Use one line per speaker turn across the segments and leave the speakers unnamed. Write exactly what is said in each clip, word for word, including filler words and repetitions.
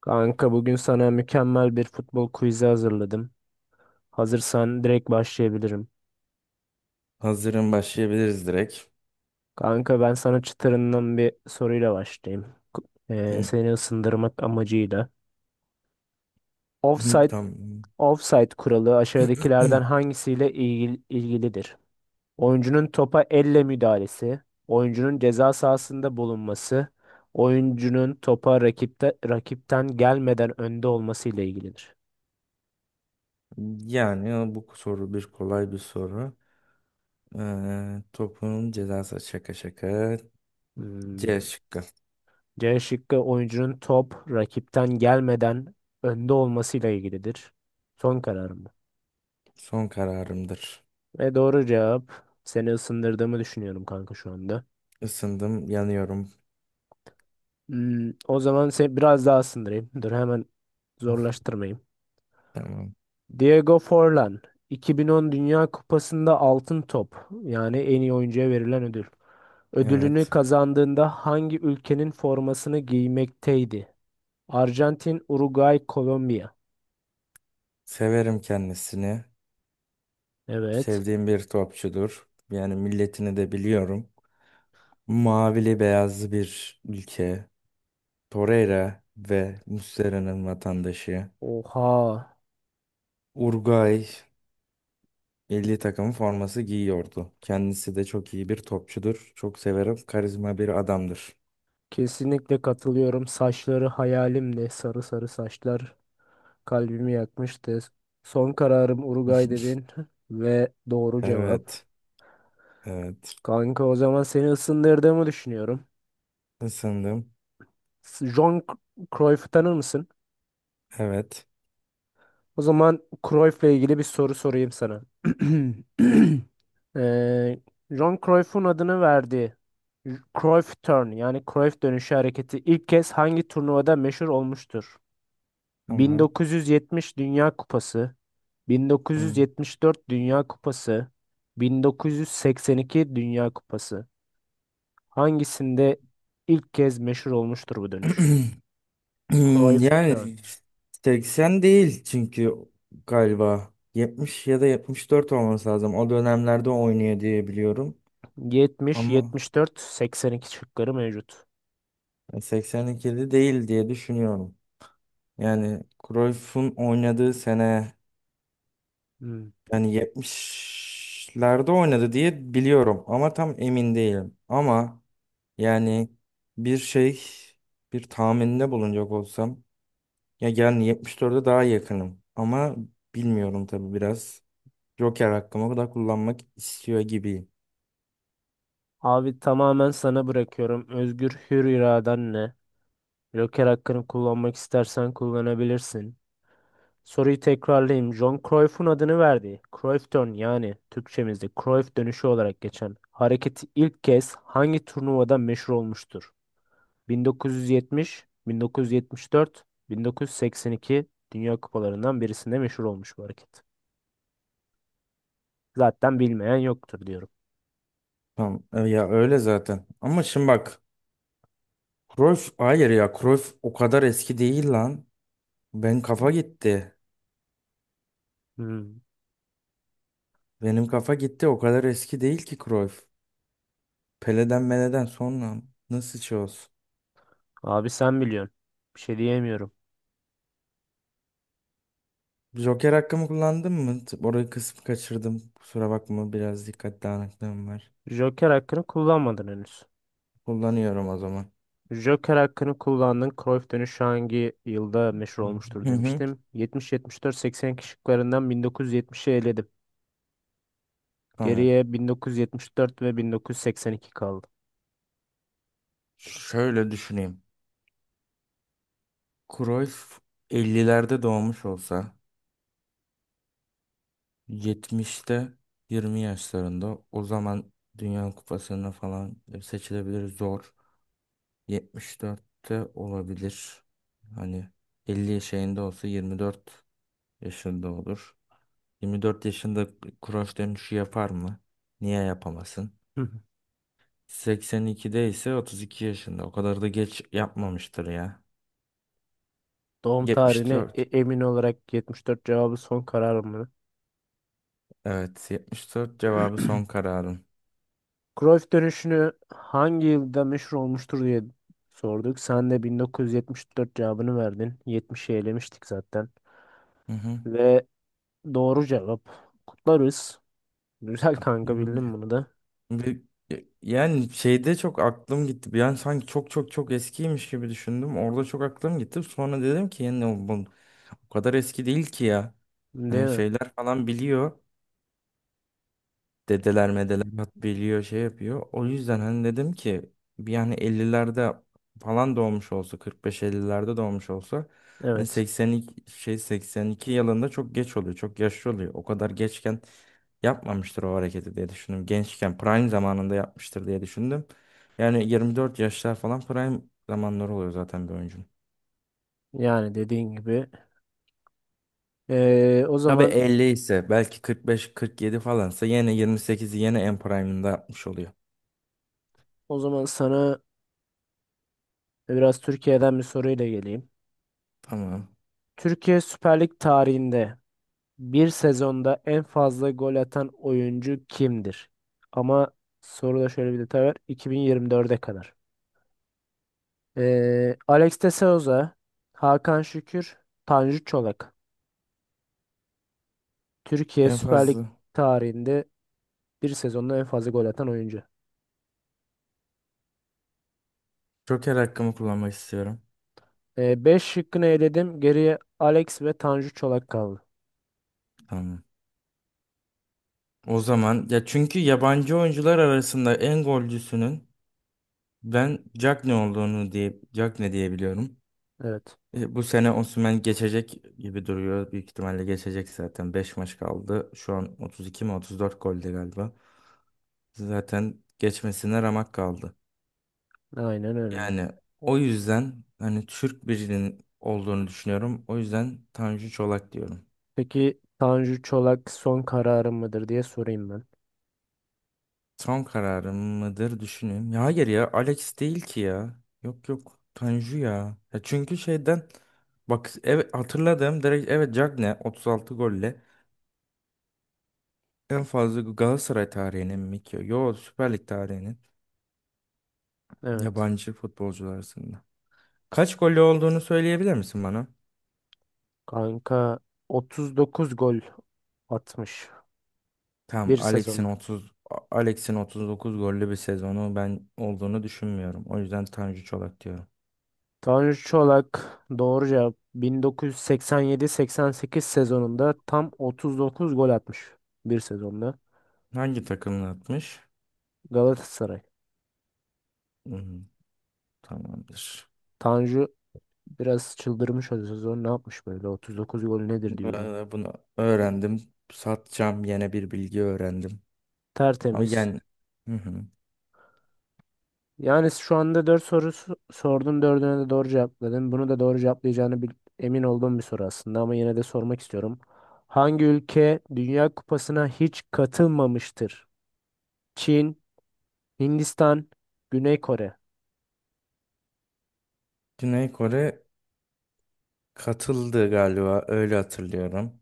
Kanka bugün sana mükemmel bir futbol quizi hazırladım. Hazırsan direkt başlayabilirim.
Hazırım başlayabiliriz direkt.
Kanka ben sana çıtırından bir soruyla başlayayım. Ku- Ee,
Hı,
seni ısındırmak amacıyla.
hı.
Offside,
Tam
offside kuralı aşağıdakilerden hangisiyle ilgil- ilgilidir? Oyuncunun topa elle müdahalesi, oyuncunun ceza sahasında bulunması, oyuncunun topa rakipte, rakipten gelmeden önde olması ile ilgilidir.
yani bu soru bir kolay bir soru. Ee, topun cezası şaka şaka. C
Hmm.
şıkkı.
C şıkkı oyuncunun top rakipten gelmeden önde olmasıyla ilgilidir. Son kararım bu.
Son kararımdır.
Ve doğru cevap. Seni ısındırdığımı düşünüyorum kanka şu anda.
Isındım, yanıyorum.
Hmm, o zaman seni biraz daha ısındırayım. Dur hemen zorlaştırmayayım.
Tamam.
Diego Forlan iki bin on Dünya Kupası'nda altın top yani en iyi oyuncuya verilen ödül. Ödülünü
Evet.
kazandığında hangi ülkenin formasını giymekteydi? Arjantin, Uruguay, Kolombiya.
Severim kendisini.
Evet.
Sevdiğim bir topçudur. Yani milletini de biliyorum. Mavili beyazlı bir ülke. Torreira ve Muslera'nın vatandaşı.
Oha.
Uruguay milli takımın forması giyiyordu. Kendisi de çok iyi bir topçudur. Çok severim. Karizma bir adamdır.
Kesinlikle katılıyorum. Saçları hayalimdi. Sarı sarı saçlar kalbimi yakmıştı. Son kararım Uruguay dedin ve doğru cevap.
Evet. Evet.
Kanka o zaman seni ısındırdığımı düşünüyorum.
Isındım.
S- John C- Cruyff'u tanır mısın?
Evet.
O zaman Cruyff'la ilgili bir soru sorayım sana. Ee, John Cruyff'un adını verdiği Cruyff Turn yani Cruyff dönüşü hareketi ilk kez hangi turnuvada meşhur olmuştur?
Tamam.
bin dokuz yüz yetmiş Dünya Kupası,
Tamam.
bin dokuz yüz yetmiş dört Dünya Kupası, bin dokuz yüz seksen iki Dünya Kupası. Hangisinde ilk kez meşhur olmuştur bu dönüş? Cruyff Turn.
Yani seksen değil, çünkü galiba yetmiş ya da yetmiş dört olması lazım. O dönemlerde oynuyor diye biliyorum.
yetmiş,
Ama
yetmiş dört, seksen iki şıkları mevcut.
seksen ikide değil diye düşünüyorum. Yani Cruyff'un oynadığı sene,
Hmm.
yani yetmişlerde oynadı diye biliyorum ama tam emin değilim. Ama yani bir şey, bir tahminde bulunacak olsam ya yani yetmiş dörde daha yakınım ama bilmiyorum tabii biraz. Joker hakkımı da kullanmak istiyor gibiyim.
Abi tamamen sana bırakıyorum. Özgür hür iraden ne? Joker hakkını kullanmak istersen kullanabilirsin. Soruyu tekrarlayayım. John Cruyff'un adını verdiği Cruyff Turn yani Türkçemizde Cruyff dönüşü olarak geçen hareketi ilk kez hangi turnuvada meşhur olmuştur? bin dokuz yüz yetmiş, bin dokuz yüz yetmiş dört, bin dokuz yüz seksen iki Dünya Kupalarından birisinde meşhur olmuş bu hareket. Zaten bilmeyen yoktur diyorum.
Tamam, e, ya öyle zaten. Ama şimdi bak, Cruyff, hayır ya, Cruyff o kadar eski değil lan. Ben kafa gitti.
Hmm.
Benim kafa gitti, o kadar eski değil ki Cruyff. Pele'den Mele'den sonra nasıl şey olsun?
Abi sen biliyorsun. Bir şey diyemiyorum.
Joker hakkımı kullandım mı? T- Orayı kısmı kaçırdım. Kusura bakma, biraz dikkat dağınıklığım var.
Joker hakkını kullanmadın henüz.
Kullanıyorum o zaman.
Joker hakkını kullandın. Cruyff dönüşü hangi yılda meşhur olmuştur
Hı hı.
demiştim. yetmiş yetmiş dört-seksen kişiklerinden bin dokuz yüz yetmişi eledim.
Tamam.
Geriye bin dokuz yüz yetmiş dört ve bin dokuz yüz seksen iki kaldı.
Şöyle düşüneyim. Cruyff ellilerde doğmuş olsa, yetmişte yirmi yaşlarında, o zaman Dünya Kupası'na falan seçilebilir zor. yetmiş dörtte olabilir. Hani elli şeyinde olsa yirmi dört yaşında olur. Yirmi dört yaşında cross dönüşü yapar mı? Niye yapamasın?
Hı hı.
seksen ikide ise otuz iki yaşında. O kadar da geç yapmamıştır ya.
Doğum
Yetmiş
tarihine e-
dört.
emin olarak yetmiş dört cevabı son kararım mı?
Evet, yetmiş dört cevabı son kararım.
Cruyff dönüşünü hangi yılda meşhur olmuştur diye sorduk. Sen de bin dokuz yüz yetmiş dört cevabını verdin. yetmişi elemiştik zaten.
Hı hı.
Ve doğru cevap. Kutlarız. Güzel kanka
Hmm.
bildin bunu da.
Bir- Yani şeyde çok aklım gitti. Yani sanki çok çok çok eskiymiş gibi düşündüm. Orada çok aklım gitti. Sonra dedim ki yani bu, bu o kadar eski değil ki ya.
Değil
Hani
mi?
şeyler falan biliyor. Dedeler medeler hat biliyor, şey yapıyor. O yüzden hani dedim ki bir, yani ellilerde falan doğmuş olsa, kırk beş ellilerde doğmuş olsa, hani
Evet.
seksen iki şey seksen iki yılında çok geç oluyor. Çok yaşlı oluyor. O kadar geçken yapmamıştır o hareketi diye düşündüm. Gençken prime zamanında yapmıştır diye düşündüm. Yani yirmi dört yaşlar falan prime zamanları oluyor zaten bir oyuncunun.
Yani dediğin gibi. Ee, o
Tabii
zaman
elli ise, belki kırk beş kırk yedi falansa yine yirmi sekizi yine en prime'ında yapmış oluyor.
o zaman sana biraz Türkiye'den bir soruyla geleyim.
Tamam.
Türkiye Süper Lig tarihinde bir sezonda en fazla gol atan oyuncu kimdir? Ama soruda şöyle bir detay var. iki bin yirmi dörde kadar. Ee, Alex de Souza, Hakan Şükür, Tanju Çolak. Türkiye
En
Süper Lig
fazla.
tarihinde bir sezonda en fazla gol atan oyuncu.
Joker hakkımı kullanmak istiyorum.
beş şıkkını eledim. Geriye Alex ve Tanju Çolak kaldı.
Tamam. O zaman ya çünkü yabancı oyuncular arasında en golcüsünün ben Jack ne olduğunu diye Jack ne diyebiliyorum.
Evet.
E, bu sene Osimhen geçecek gibi duruyor. Büyük ihtimalle geçecek zaten. Beş maç kaldı. Şu an otuz iki mi otuz dört golde galiba. Zaten geçmesine ramak kaldı.
Aynen öyle.
Yani o yüzden hani Türk birinin olduğunu düşünüyorum. O yüzden Tanju Çolak diyorum.
Peki Tanju Çolak son kararı mıdır diye sorayım ben.
Son kararım mıdır, düşüneyim. Ya hayır, ya Alex değil ki ya. Yok yok, Tanju ya. Ya çünkü şeyden, bak, evet, hatırladım direkt, evet, Cagne otuz altı golle en fazla Galatasaray tarihinin mi ki? Yo, Süper Lig tarihinin
Evet.
yabancı futbolcular arasında. Kaç golü olduğunu söyleyebilir misin bana?
Kanka otuz dokuz gol atmış
Tamam,
bir
Alex'in
sezonda.
otuz A- Alex'in otuz dokuz gollü bir sezonu ben olduğunu düşünmüyorum. O yüzden Tanju Çolak diyorum.
Tanju Çolak doğru cevap bin dokuz yüz seksen yedi-seksen sekiz sezonunda tam otuz dokuz gol atmış bir sezonda.
Hangi takımla atmış?
Galatasaray.
Hmm, tamamdır.
Tanju biraz çıldırmış o sezon. Ne yapmış böyle? otuz dokuz gol nedir diyorum.
Ee, Bunu öğrendim. Satacağım, yine bir bilgi öğrendim. Ama
Tertemiz.
yani hı hı.
Yani şu anda dört sorusu sordum. Dördüne de doğru cevapladın. Bunu da doğru cevaplayacağını bil- emin olduğum bir soru aslında ama yine de sormak istiyorum. Hangi ülke Dünya Kupası'na hiç katılmamıştır? Çin, Hindistan, Güney Kore.
Güney Kore katıldı galiba, öyle hatırlıyorum.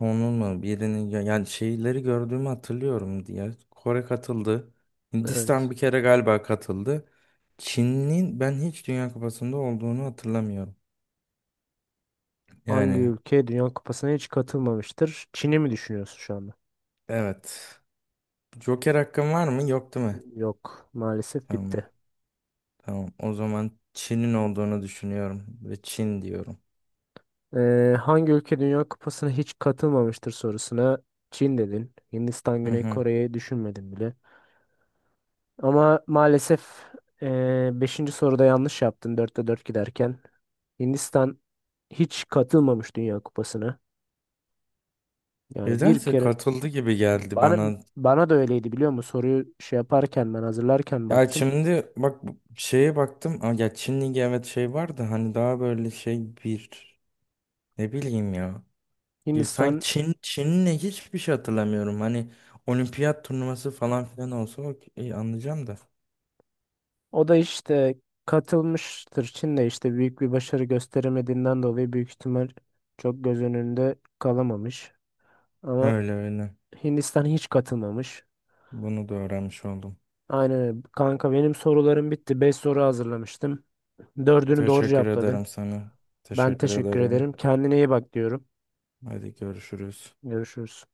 Onun mu birinin ya- yani şeyleri gördüğümü hatırlıyorum diye. Kore katıldı. Hindistan
Evet.
bir kere galiba katıldı. Çin'in ben hiç Dünya Kupası'nda olduğunu hatırlamıyorum.
Hangi
Yani
ülke Dünya Kupası'na hiç katılmamıştır? Çin'i mi düşünüyorsun şu anda?
evet. Joker hakkım var mı? Yok, değil mi?
Yok, maalesef
Tamam.
bitti.
Tamam. O zaman Çin'in olduğunu düşünüyorum ve Çin diyorum.
Ee, hangi ülke Dünya Kupası'na hiç katılmamıştır sorusuna Çin dedin. Hindistan,
Hı
Güney
hı.
Kore'yi düşünmedin bile. Ama maalesef eee beşinci soruda yanlış yaptın dörtte dört giderken. Hindistan hiç katılmamış Dünya Kupası'na. Yani bir
Nedense
kere
katıldı gibi geldi
bana
bana.
bana da öyleydi biliyor musun? Soruyu şey yaparken ben hazırlarken
Ya
baktım.
şimdi bak, bu şeye baktım. Aa, ya Çin Ligi, evet, şey vardı hani, daha böyle şey bir, ne bileyim ya. Ya sanki
Hindistan
Çin Çin'le hiçbir şey hatırlamıyorum. Hani olimpiyat turnuvası falan filan olsa okey, anlayacağım da.
o da işte katılmıştır. Çin de işte büyük bir başarı gösteremediğinden dolayı büyük ihtimal çok göz önünde kalamamış. Ama
Öyle öyle.
Hindistan hiç katılmamış.
Bunu da öğrenmiş oldum.
Aynen öyle. Kanka benim sorularım bitti. Beş soru hazırlamıştım. Dördünü doğru
Teşekkür ederim
cevapladın.
sana.
Ben
Teşekkür
teşekkür
ederim.
ederim. Kendine iyi bak diyorum.
Hadi görüşürüz.
Görüşürüz.